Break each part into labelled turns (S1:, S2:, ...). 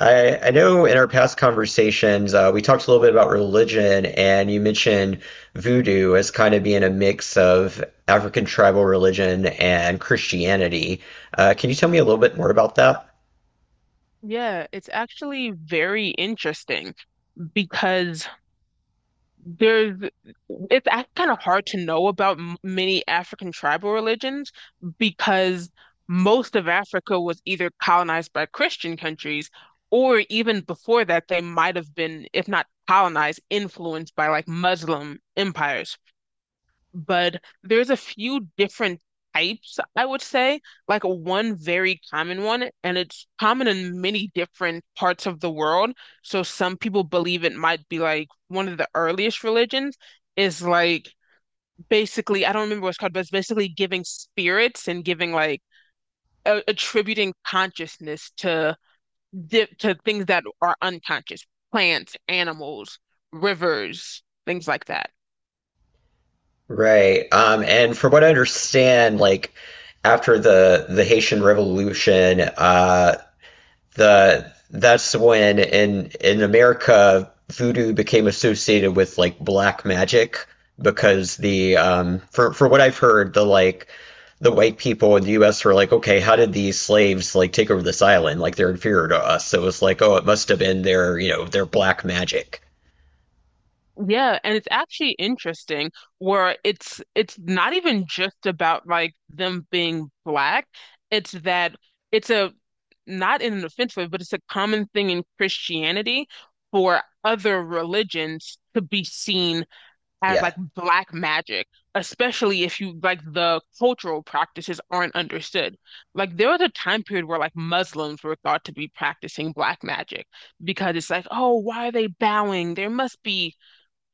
S1: I know in our past conversations, we talked a little bit about religion, and you mentioned voodoo as kind of being a mix of African tribal religion and Christianity. Can you tell me a little bit more about that?
S2: Yeah, it's actually very interesting because there's it's kind of hard to know about many African tribal religions because most of Africa was either colonized by Christian countries, or even before that they might have been, if not colonized, influenced by like Muslim empires. But there's a few different types, I would say. Like one very common one, and it's common in many different parts of the world. So some people believe it might be like one of the earliest religions is like, basically, I don't remember what it's called, but it's basically giving spirits and giving like a attributing consciousness to di to things that are unconscious, plants, animals, rivers, things like that.
S1: Right. And from what I understand, like after the Haitian Revolution, the that's when in America voodoo became associated with like black magic because the for what I've heard the the white people in the US were like, okay, how did these slaves like take over this island? Like, they're inferior to us. So it was like, oh, it must have been their their black magic.
S2: Yeah, and it's actually interesting where it's not even just about like them being black. It's that it's a, not in an offensive way, but it's a common thing in Christianity for other religions to be seen as
S1: Yeah.
S2: like black magic, especially if you like the cultural practices aren't understood. Like there was a time period where like Muslims were thought to be practicing black magic because it's like, oh, why are they bowing? There must be,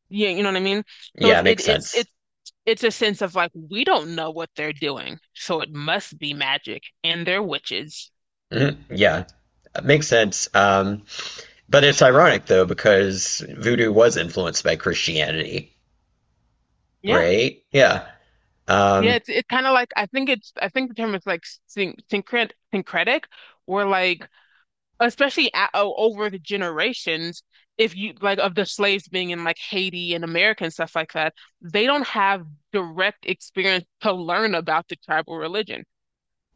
S2: yeah, you know what I mean? So
S1: Yeah,
S2: it's it,
S1: makes
S2: it's
S1: sense.
S2: it's it's a sense of like we don't know what they're doing, so it must be magic, and they're witches.
S1: Mhm. Yeah, it makes sense. But it's ironic though because voodoo was influenced by Christianity,
S2: Yeah,
S1: right? Yeah.
S2: yeah.
S1: um
S2: It's kind of like, I think it's, I think the term is like syncretic, or like, especially over the generations, if you like of the slaves being in like Haiti and America and stuff like that, they don't have direct experience to learn about the tribal religion.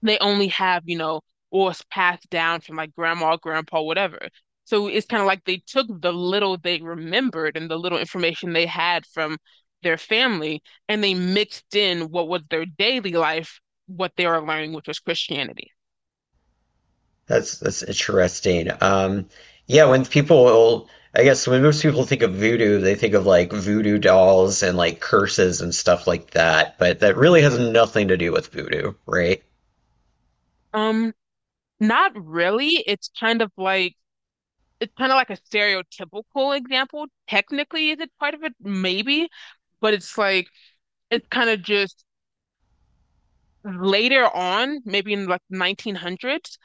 S2: They only have, you know, or it's passed down from like grandma, grandpa, whatever. So it's kind of like they took the little they remembered and the little information they had from their family and they mixed in what was their daily life, what they were learning, which was Christianity.
S1: that's interesting. Yeah, when people, I guess when most people think of voodoo, they think of like voodoo dolls and like curses and stuff like that, but that really has nothing to do with voodoo, right?
S2: Um, not really. It's kind of like a stereotypical example. Technically, is it part of it? Maybe, but it's like it's kind of just later on, maybe in like 1900s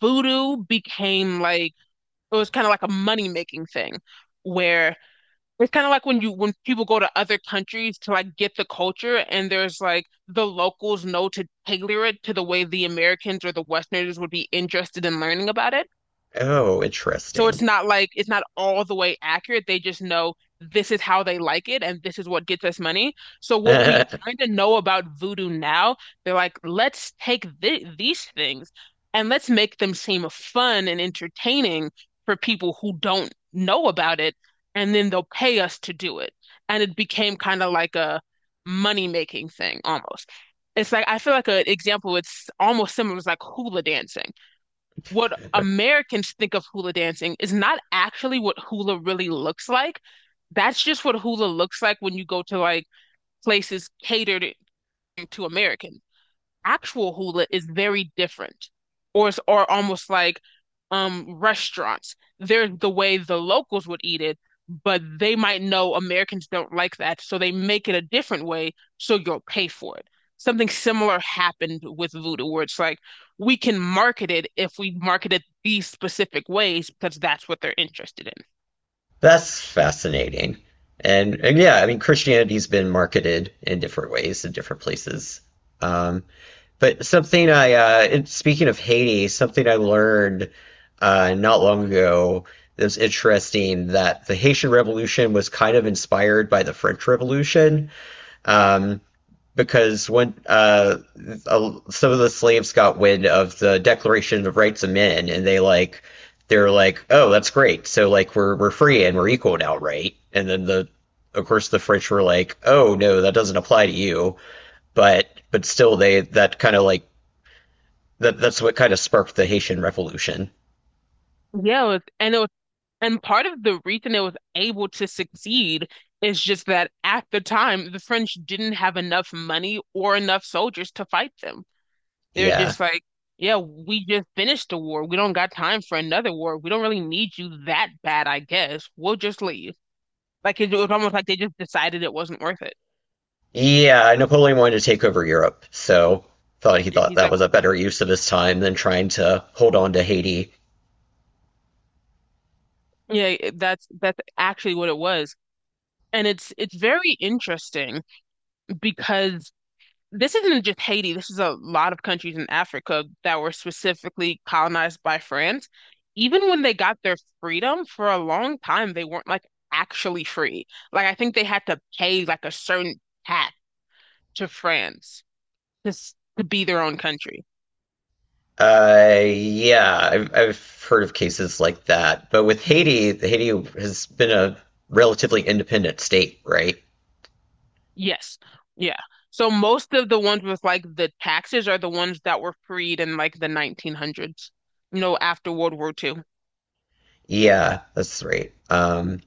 S2: voodoo became like it was kind of like a money making thing, where it's kind of like when you when people go to other countries to like get the culture and there's like the locals know to tailor it to the way the Americans or the Westerners would be interested in learning about it.
S1: Oh,
S2: So it's
S1: interesting.
S2: not like it's not all the way accurate. They just know this is how they like it and this is what gets us money. So what we kind of know about voodoo now, they're like, let's take th these things and let's make them seem fun and entertaining for people who don't know about it, and then they'll pay us to do it. And it became kind of like a money-making thing almost. It's like I feel like an example it's almost similar is like hula dancing. What Americans think of hula dancing is not actually what hula really looks like. That's just what hula looks like when you go to like places catered to Americans. Actual hula is very different, or it's, or almost like, restaurants. There's the way the locals would eat it, but they might know Americans don't like that, so they make it a different way, so you'll pay for it. Something similar happened with voodoo, where it's like we can market it if we market it these specific ways because that's what they're interested in.
S1: That's fascinating. And yeah, I mean, Christianity's been marketed in different ways in different places. Um, but something I, and speaking of Haiti, something I learned not long ago that was interesting, that the Haitian Revolution was kind of inspired by the French Revolution. Um, because when some of the slaves got wind of the Declaration of Rights of Men, and they like they're like, oh, that's great. So like we're free and we're equal now, right? And then the of course the French were like, oh no, that doesn't apply to you. But still, they that kind of like that's what kind of sparked the Haitian Revolution.
S2: And it was, and part of the reason it was able to succeed is just that at the time, the French didn't have enough money or enough soldiers to fight them. They're
S1: Yeah.
S2: just like, yeah, we just finished the war. We don't got time for another war. We don't really need you that bad, I guess. We'll just leave. Like it was almost like they just decided it wasn't worth it.
S1: Yeah, Napoleon wanted to take over Europe, so
S2: And
S1: thought
S2: he's
S1: that
S2: like,
S1: was a better use of his time than trying to hold on to Haiti.
S2: yeah, that's actually what it was. And it's very interesting because this isn't just Haiti. This is a lot of countries in Africa that were specifically colonized by France. Even when they got their freedom for a long time, they weren't like actually free. Like I think they had to pay like a certain tax to France to to be their own country.
S1: Yeah, I've heard of cases like that. But with Haiti, Haiti has been a relatively independent state, right?
S2: Yes. Yeah. So most of the ones with like the taxes are the ones that were freed in like the 1900s, you know, after World War Two.
S1: Yeah, that's right.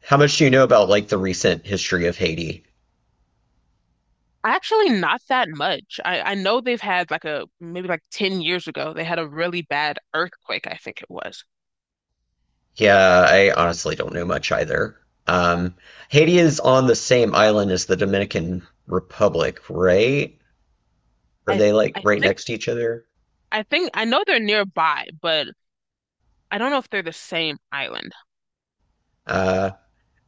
S1: How much do you know about like the recent history of Haiti?
S2: Actually, not that much. I know they've had like a, maybe like 10 years ago, they had a really bad earthquake, I think it was.
S1: Yeah, I honestly don't know much either. Um, Haiti is on the same island as the Dominican Republic, right? Are
S2: I
S1: they like
S2: I
S1: right
S2: think
S1: next to each other?
S2: I think I know they're nearby, but I don't know if they're the same island.
S1: Uh,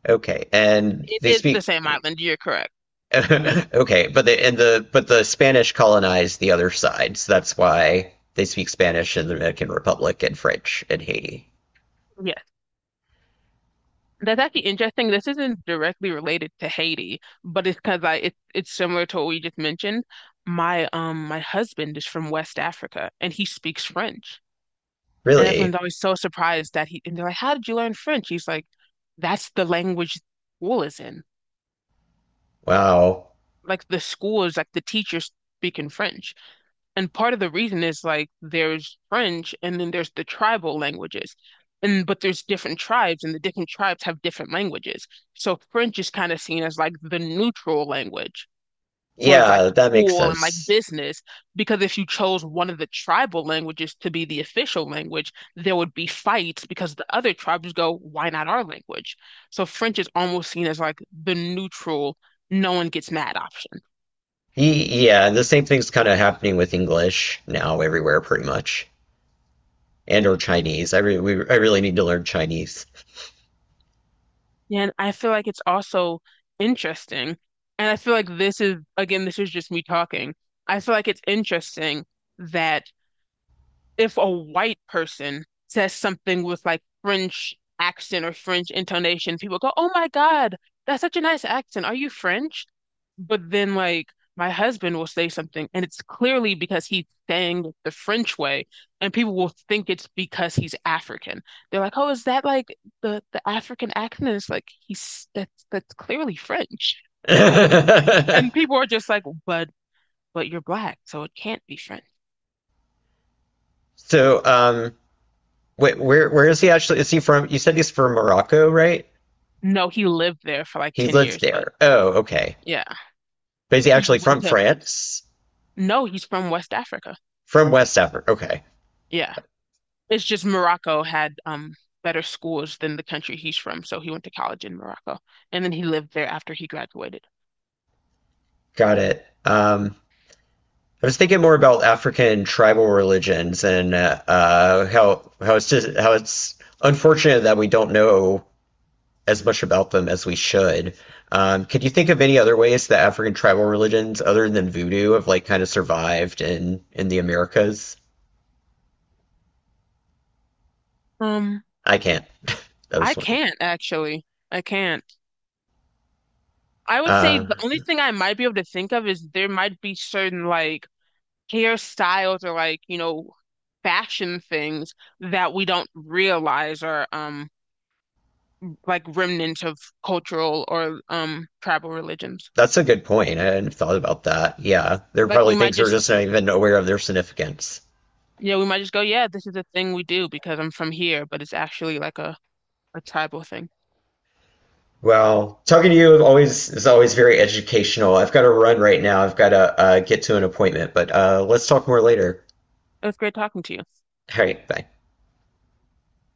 S1: okay. And
S2: It
S1: they
S2: is the
S1: speak.
S2: same island, you're correct.
S1: Okay, but the and the but the Spanish colonized the other side, so that's why they speak Spanish in the Dominican Republic and French in Haiti.
S2: Yes. That's actually interesting. This isn't directly related to Haiti, but it's because it's similar to what we just mentioned. My my husband is from West Africa and he speaks French. And everyone's
S1: Really?
S2: always so surprised that he, and they're like, "How did you learn French?" He's like, "That's the language school is in."
S1: Wow.
S2: Like, the school is like the teachers speaking French. And part of the reason is like there's French and then there's the tribal languages. And but there's different tribes, and the different tribes have different languages. So French is kind of seen as like the neutral language, for like
S1: Yeah, that makes
S2: school and like
S1: sense.
S2: business, because if you chose one of the tribal languages to be the official language, there would be fights because the other tribes go, why not our language? So French is almost seen as like the neutral, no one gets mad option.
S1: Y- Yeah, and the same thing's kind of happening with English now everywhere, pretty much, and or Chinese. I re I really need to learn Chinese.
S2: Yeah, and I feel like it's also interesting. And I feel like this is, again, this is just me talking. I feel like it's interesting that if a white person says something with like French accent or French intonation, people go, "Oh my God, that's such a nice accent. Are you French?" But then like my husband will say something and it's clearly because he's saying it the French way and people will think it's because he's African. They're like, "Oh, is that like the African accent?" And it's like he's that's clearly French. And people are just like, "But you're black, so it can't be French."
S1: So, wait, where is he actually? Is he from? You said he's from Morocco, right?
S2: No, he lived there for like
S1: He
S2: 10
S1: lives
S2: years, but
S1: there. Oh, okay.
S2: yeah.
S1: But is he
S2: He
S1: actually
S2: went
S1: from
S2: to,
S1: France?
S2: no, he's from West Africa.
S1: From West Africa. Okay,
S2: Yeah. It's just Morocco had better schools than the country he's from, so he went to college in Morocco. And then he lived there after he graduated.
S1: got it. I was thinking more about African tribal religions and how it's just how it's unfortunate that we don't know as much about them as we should. Could you think of any other ways that African tribal religions, other than voodoo, have like kind of survived in the Americas?
S2: Um,
S1: I can't. I
S2: I
S1: was wondering.
S2: can't actually. I can't. I would say
S1: Uh,
S2: the only thing I might be able to think of is there might be certain like hairstyles or like, you know, fashion things that we don't realize are like remnants of cultural or tribal religions.
S1: that's a good point. I hadn't thought about that. Yeah, there are
S2: Like we
S1: probably
S2: might
S1: things we're
S2: just
S1: just not even aware of their significance.
S2: yeah, we might just go, yeah, this is a thing we do because I'm from here, but it's actually like a tribal thing.
S1: Well, talking to you always is always very educational. I've got to run right now. I've got to get to an appointment, but let's talk more later.
S2: It was great talking to you.
S1: All right, bye.